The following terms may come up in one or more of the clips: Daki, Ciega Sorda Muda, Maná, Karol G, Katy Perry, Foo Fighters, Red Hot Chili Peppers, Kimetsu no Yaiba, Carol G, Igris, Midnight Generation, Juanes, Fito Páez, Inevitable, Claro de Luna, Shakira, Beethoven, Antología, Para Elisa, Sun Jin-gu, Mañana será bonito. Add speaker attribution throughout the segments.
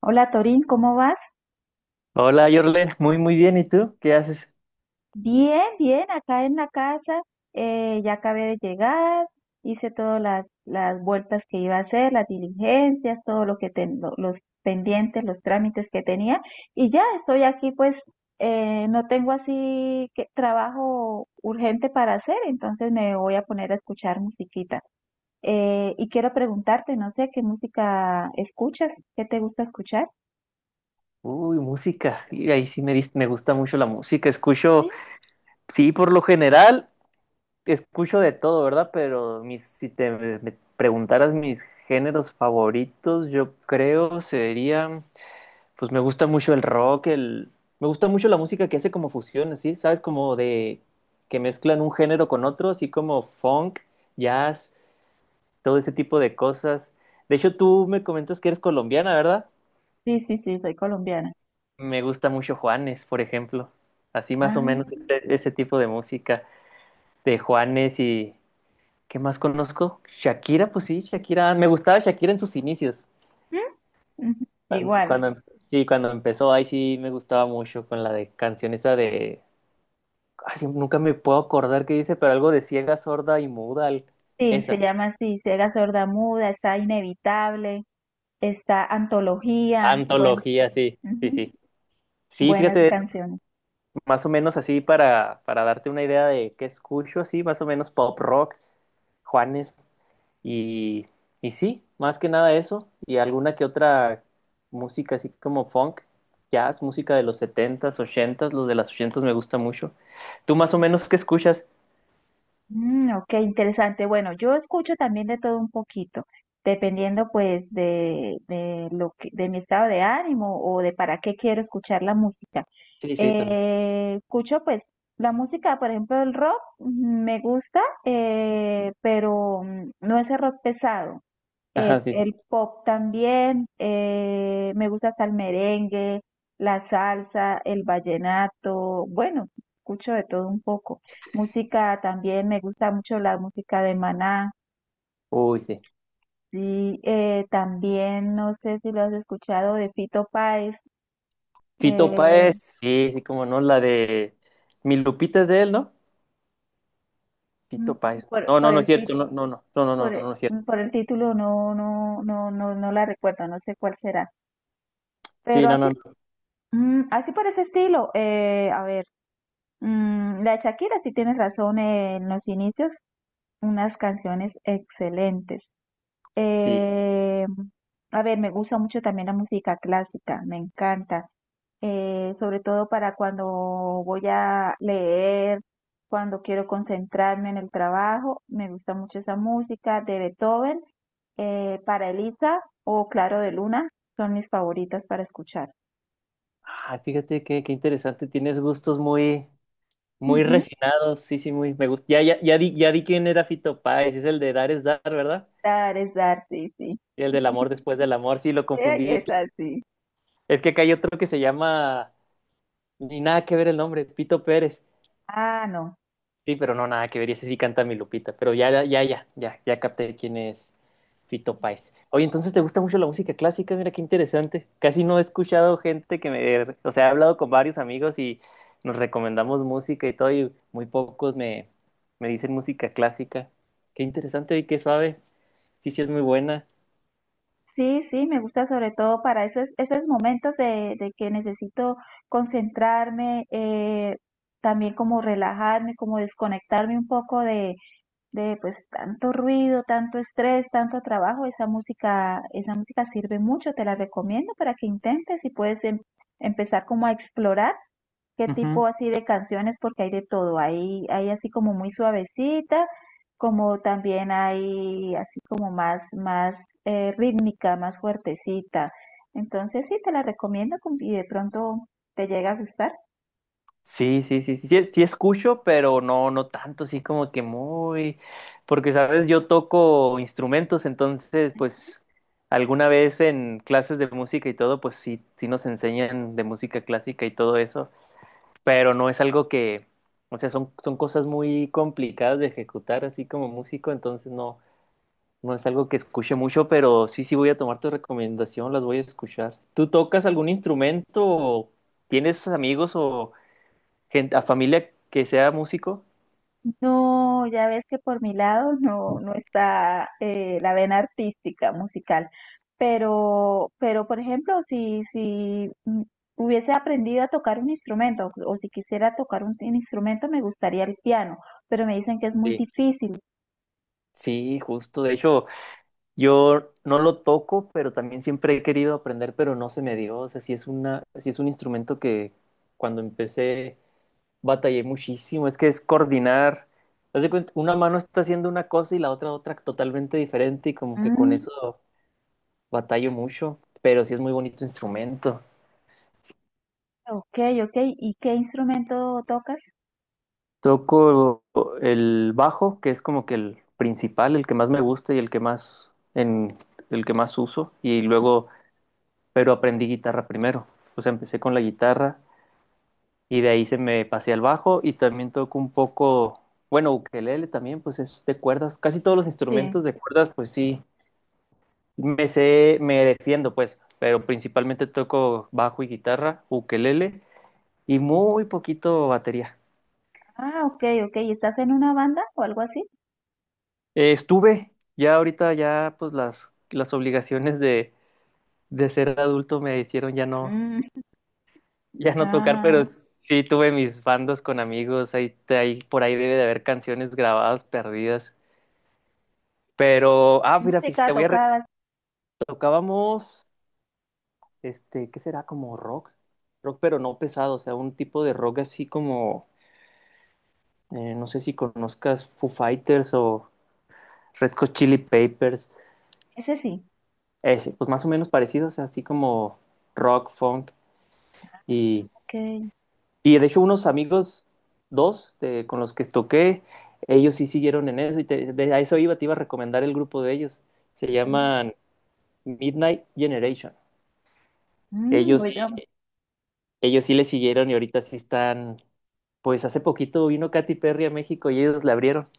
Speaker 1: Hola Torín, ¿cómo vas?
Speaker 2: Hola, Yorlen, muy muy bien, ¿y tú? ¿Qué haces?
Speaker 1: Bien, bien, acá en la casa, ya acabé de llegar, hice todas las vueltas que iba a hacer, las diligencias, todo lo que los pendientes, los trámites que tenía, y ya estoy aquí, pues no tengo así que trabajo urgente para hacer, entonces me voy a poner a escuchar musiquita. Y quiero preguntarte, no sé, ¿qué música escuchas? ¿Qué te gusta escuchar?
Speaker 2: Uy, música, y ahí sí me gusta mucho la música, escucho,
Speaker 1: Sí.
Speaker 2: sí, por lo general, escucho de todo, ¿verdad? Pero si te me preguntaras mis géneros favoritos, yo creo serían, pues me gusta mucho el rock, me gusta mucho la música que hace como fusiones, ¿sí? ¿Sabes? Como de, que mezclan un género con otro, así como funk, jazz, todo ese tipo de cosas. De hecho, tú me comentas que eres colombiana, ¿verdad?
Speaker 1: Sí, sí, sí, soy colombiana.
Speaker 2: Me gusta mucho Juanes, por ejemplo. Así más o
Speaker 1: Ah.
Speaker 2: menos ese tipo de música de Juanes. ¿Y qué más conozco? Shakira, pues sí, Shakira. Me gustaba Shakira en sus inicios.
Speaker 1: ¿Mm? Ujú.
Speaker 2: Cuando,
Speaker 1: Igual,
Speaker 2: cuando- em, sí, cuando empezó, ahí sí me gustaba mucho con la de canción esa de ay, sí, nunca me puedo acordar qué dice, pero algo de ciega, sorda y muda.
Speaker 1: sí, se
Speaker 2: Esa.
Speaker 1: llama así, Ciega Sorda Muda, está Inevitable, está Antología, bueno,
Speaker 2: Antología, sí, sí,
Speaker 1: ujú,
Speaker 2: sí. Sí,
Speaker 1: buenas
Speaker 2: fíjate, es
Speaker 1: canciones.
Speaker 2: más o menos así para darte una idea de qué escucho, sí, más o menos pop rock. Juanes. Y, y sí, más que nada eso, y alguna que otra música así como funk, jazz, música de los setentas ochentas, los de las ochentas me gusta mucho. ¿Tú más o menos qué escuchas?
Speaker 1: Mm, ok, interesante. Bueno, yo escucho también de todo un poquito, dependiendo pues de lo que, de mi estado de ánimo o de para qué quiero escuchar la música.
Speaker 2: Sí, sí, también.
Speaker 1: Escucho pues la música, por ejemplo, el rock me gusta, pero no ese rock pesado.
Speaker 2: Ajá, sí, sí.
Speaker 1: El pop también, me gusta hasta el merengue, la salsa, el vallenato, bueno, escucho de todo un poco. Música también, me gusta mucho la música de Maná,
Speaker 2: Uy, sí.
Speaker 1: sí, también no sé si lo has escuchado de Fito Páez,
Speaker 2: Fito
Speaker 1: eh,
Speaker 2: Páez, sí, sí, como no, la de Mi Lupita es de él, ¿no?
Speaker 1: mm,
Speaker 2: Fito Páez.
Speaker 1: por,
Speaker 2: No, no,
Speaker 1: por
Speaker 2: no es
Speaker 1: el, ti-
Speaker 2: cierto, no, no, no, no, no, no, no,
Speaker 1: Por el,
Speaker 2: no es cierto.
Speaker 1: por el título no, no, no, no, no la recuerdo, no sé cuál será.
Speaker 2: Sí,
Speaker 1: Pero
Speaker 2: no, no,
Speaker 1: así,
Speaker 2: no.
Speaker 1: así por ese estilo, a ver, la de Shakira sí tienes razón en los inicios, unas canciones excelentes.
Speaker 2: Sí.
Speaker 1: Eh, a ver, me gusta mucho también la música clásica, me encanta, sobre todo para cuando voy a leer, cuando quiero concentrarme en el trabajo, me gusta mucho esa música de Beethoven, para Elisa o Claro de Luna, son mis favoritas para escuchar.
Speaker 2: Ah, fíjate qué interesante, tienes gustos muy... Muy
Speaker 1: Ujú.
Speaker 2: refinado, sí, sí, muy, me gusta. Ya, ya, ya di quién era Fito Páez, es el de dar es dar, ¿verdad?
Speaker 1: Dar es dar, sí, sí.
Speaker 2: Y el del amor después del amor, sí, lo
Speaker 1: Ey,
Speaker 2: confundí. Es
Speaker 1: es
Speaker 2: que,
Speaker 1: así.
Speaker 2: es que acá hay otro que se llama, ni nada que ver el nombre, Pito Pérez.
Speaker 1: Ah, no.
Speaker 2: Sí, pero no, nada que ver, y ese sí canta mi Lupita, pero ya, ya, ya, ya, ya capté quién es Fito Páez. Oye, entonces te gusta mucho la música clásica, mira qué interesante. Casi no he escuchado gente o sea, he hablado con varios amigos y nos recomendamos música y todo, y muy pocos me dicen música clásica. Qué interesante y qué suave, sí, sí es muy buena.
Speaker 1: Sí, sí, me gusta sobre todo para esos, esos momentos de que necesito concentrarme, también como relajarme, como desconectarme un poco de pues tanto ruido, tanto estrés, tanto trabajo. Esa música sirve mucho, te la recomiendo para que intentes y puedes empezar como a explorar qué
Speaker 2: Ujú.
Speaker 1: tipo así de canciones, porque hay de todo. Hay así como muy suavecita, como también hay así como más, más rítmica, más fuertecita. Entonces sí, te la recomiendo y de pronto te llega a gustar.
Speaker 2: Sí, sí, sí, sí, sí, sí escucho, pero no, no tanto, sí como que muy, porque sabes, yo toco instrumentos, entonces, pues, alguna vez en clases de música y todo, pues sí, sí nos enseñan de música clásica y todo eso, pero no es algo que, o sea, son cosas muy complicadas de ejecutar así como músico, entonces no, no es algo que escuche mucho, pero sí, sí voy a tomar tu recomendación, las voy a escuchar. ¿Tú tocas algún instrumento o tienes amigos o gente, a familia que sea músico?
Speaker 1: No, ya ves que por mi lado no, no está la vena artística, musical. Pero por ejemplo, si, si hubiese aprendido a tocar un instrumento o si quisiera tocar un, instrumento, me gustaría el piano, pero me dicen que es muy
Speaker 2: Sí.
Speaker 1: difícil.
Speaker 2: Sí, justo. De hecho, yo no lo toco, pero también siempre he querido aprender, pero no se me dio. O sea, sí es un instrumento que cuando empecé batallé muchísimo. Es que es coordinar. Haz de cuenta, una mano está haciendo una cosa y la otra totalmente diferente, y como que con
Speaker 1: Mm,
Speaker 2: eso batallo mucho, pero sí es muy bonito instrumento.
Speaker 1: ok, ok. ¿Y qué instrumento tocas?
Speaker 2: Toco el bajo, que es como que el principal, el que más me gusta y en el que más uso, y luego, pero aprendí guitarra primero. O sea, empecé con la guitarra y de ahí se me pasé al bajo, y también toco un poco, bueno, ukelele también, pues es de cuerdas, casi todos los
Speaker 1: Sí.
Speaker 2: instrumentos de cuerdas, pues sí me sé, me defiendo pues, pero principalmente toco bajo y guitarra, ukelele y muy poquito batería.
Speaker 1: Ah, ok, ok. ¿Y estás en una banda o algo así?
Speaker 2: Estuve, ya ahorita ya pues las obligaciones de ser adulto me hicieron ya no,
Speaker 1: Mm,
Speaker 2: ya no tocar, pero no,
Speaker 1: ah,
Speaker 2: sí tuve mis bandos con amigos, ahí, ahí por ahí debe de haber canciones grabadas perdidas. Pero, ah,
Speaker 1: ¿qué
Speaker 2: mira, te
Speaker 1: música
Speaker 2: voy a re-
Speaker 1: tocabas?
Speaker 2: tocábamos, ¿qué será? Como rock, pero no pesado, o sea, un tipo de rock así como, no sé si conozcas Foo Fighters o Red Hot Chili Peppers,
Speaker 1: Ese sí.
Speaker 2: ese, pues más o menos parecidos, así como rock, funk. Y,
Speaker 1: Ok.
Speaker 2: y de hecho unos amigos, dos, con los que toqué, ellos sí siguieron en eso y a eso iba, te iba a recomendar el grupo de ellos. Se
Speaker 1: Mm,
Speaker 2: llaman Midnight Generation. Ellos sí,
Speaker 1: Voy a...
Speaker 2: ellos sí le siguieron y ahorita sí están, pues hace poquito vino Katy Perry a México y ellos le abrieron.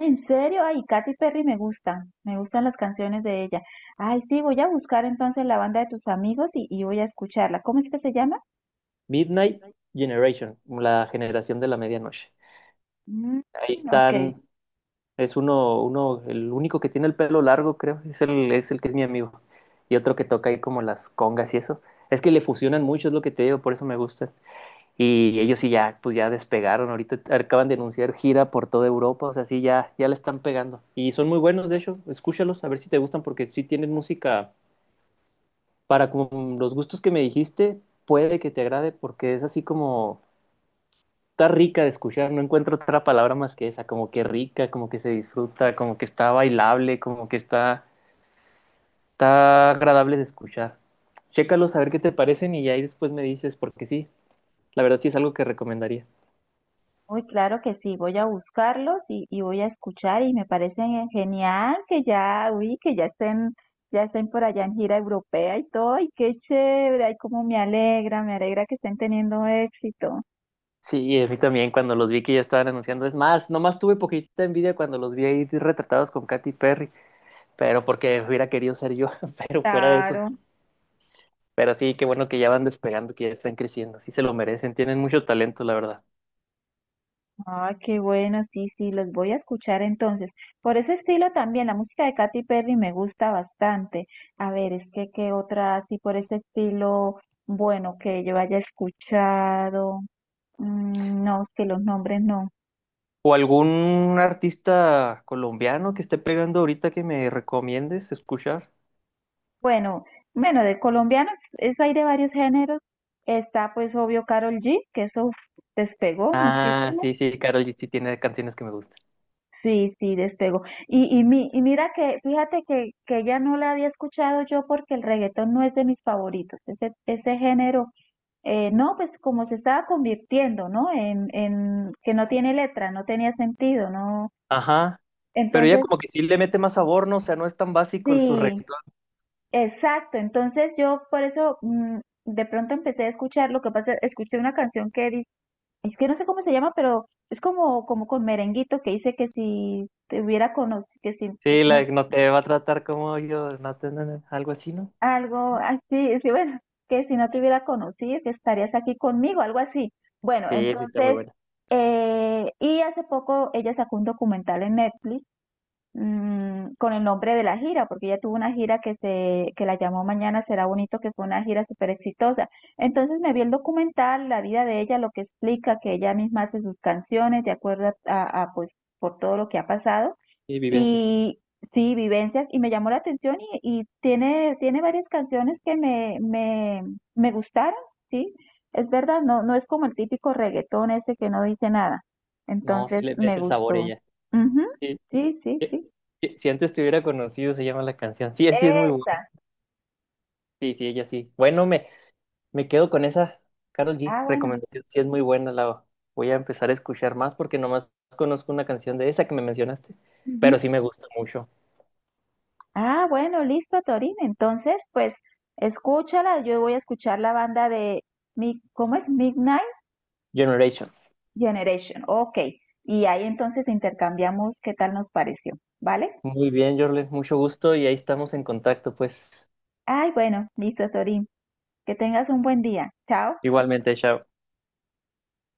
Speaker 1: En serio, ay, Katy Perry me gusta, me gustan las canciones de ella. Ay, sí, voy a buscar entonces la banda de tus amigos y voy a escucharla. ¿Cómo es que se llama?
Speaker 2: Midnight Generation, la generación de la medianoche.
Speaker 1: Mm,
Speaker 2: Ahí
Speaker 1: ok,
Speaker 2: están. Es el único que tiene el pelo largo, creo, es el que es mi amigo. Y otro que toca ahí como las congas y eso. Es que le fusionan mucho, es lo que te digo, por eso me gusta. Y ellos sí ya, pues ya despegaron, ahorita acaban de anunciar gira por toda Europa, o sea, sí ya, ya le están pegando. Y son muy buenos, de hecho, escúchalos, a ver si te gustan, porque sí tienen música para como los gustos que me dijiste, puede que te agrade, porque es así como está rica de escuchar, no encuentro otra palabra más que esa, como que rica, como que se disfruta, como que está bailable, como que está, está agradable de escuchar. Chécalos a ver qué te parecen y ya ahí después me dices, porque sí, la verdad sí es algo que recomendaría.
Speaker 1: muy claro que sí, voy a buscarlos y voy a escuchar y me parece genial que ya, uy, que ya estén por allá en gira europea y todo, y qué chévere, ay, cómo me alegra que estén teniendo éxito.
Speaker 2: Sí, a mí también cuando los vi que ya estaban anunciando. Es más, nomás tuve poquita envidia cuando los vi ahí retratados con Katy Perry, pero porque hubiera querido ser yo, pero fuera de eso.
Speaker 1: Claro.
Speaker 2: Pero sí, qué bueno que ya van despegando, que ya están creciendo, sí se lo merecen, tienen mucho talento, la verdad.
Speaker 1: Ah, qué bueno, sí, sí, los voy a escuchar entonces. Por ese estilo también, la música de Katy Perry me gusta bastante. A ver, es que qué otra así por ese estilo, bueno, que yo haya escuchado. Mm, no, es que los nombres no.
Speaker 2: ¿O algún artista colombiano que esté pegando ahorita que me recomiendes escuchar?
Speaker 1: Bueno, bueno, de colombianos, eso hay de varios géneros. Está pues obvio Carol G, que eso uf, despegó
Speaker 2: Ah,
Speaker 1: muchísimo.
Speaker 2: sí, sí, Karol G sí tiene canciones que me gustan.
Speaker 1: Sí, sí, despegó. Y mira que, fíjate que ella no la había escuchado yo porque el reggaetón no es de mis favoritos, ese género, no, pues como se estaba convirtiendo, ¿no? En que no tiene letra, no tenía sentido, ¿no?
Speaker 2: Ajá. Pero ella
Speaker 1: Entonces,
Speaker 2: como que sí le mete más sabor, ¿no? O sea, no es tan básico el su
Speaker 1: sí,
Speaker 2: reggaetón.
Speaker 1: exacto. Entonces yo por eso de pronto empecé a escuchar, lo que pasa, escuché una canción que dice, es que no sé cómo se llama, pero es como, como con merenguito que dice que si te hubiera conocido, que si...
Speaker 2: Sí, la
Speaker 1: no.
Speaker 2: de no te va a tratar como yo, no, no, algo así, ¿no?
Speaker 1: Algo así, sí, bueno, que si no te hubiera conocido, que estarías aquí conmigo, algo así. Bueno,
Speaker 2: Sí, sí está muy
Speaker 1: entonces,
Speaker 2: buena.
Speaker 1: y hace poco ella sacó un documental en Netflix con el nombre de la gira, porque ella tuvo una gira que se, que la llamó Mañana será bonito, que fue una gira súper exitosa. Entonces me vi el documental, la vida de ella, lo que explica que ella misma hace sus canciones de acuerdo a, pues por todo lo que ha pasado
Speaker 2: Y vivencias.
Speaker 1: y sí, vivencias y me llamó la atención y tiene, tiene varias canciones que me gustaron, sí. Es verdad, no, no es como el típico reggaetón ese que no dice nada.
Speaker 2: No, sí
Speaker 1: Entonces
Speaker 2: le
Speaker 1: me
Speaker 2: mete sabor
Speaker 1: gustó.
Speaker 2: ella.
Speaker 1: Ujú,
Speaker 2: Sí,
Speaker 1: sí, sí,
Speaker 2: sí,
Speaker 1: sí.
Speaker 2: sí, Si antes te hubiera conocido, se llama la canción. Sí, sí es muy buena.
Speaker 1: Esa.
Speaker 2: Sí, sí, ella sí. Bueno, me quedo con esa, Carol G,
Speaker 1: Ah, bueno.
Speaker 2: recomendación, sí es muy buena, la voy a empezar a escuchar más porque nomás conozco una canción de esa que me mencionaste, pero
Speaker 1: Ujú.
Speaker 2: sí me gusta mucho,
Speaker 1: Ah, bueno, listo, Torín. Entonces, pues, escúchala. Yo voy a escuchar la banda de, ¿cómo es? Midnight
Speaker 2: Generation.
Speaker 1: Generation. Ok. Y ahí entonces intercambiamos qué tal nos pareció. ¿Vale?
Speaker 2: Muy bien, Jorlen, mucho gusto y ahí estamos en contacto, pues
Speaker 1: Ay, bueno, listo, Torín. Que tengas un buen día. Chao.
Speaker 2: igualmente, chao.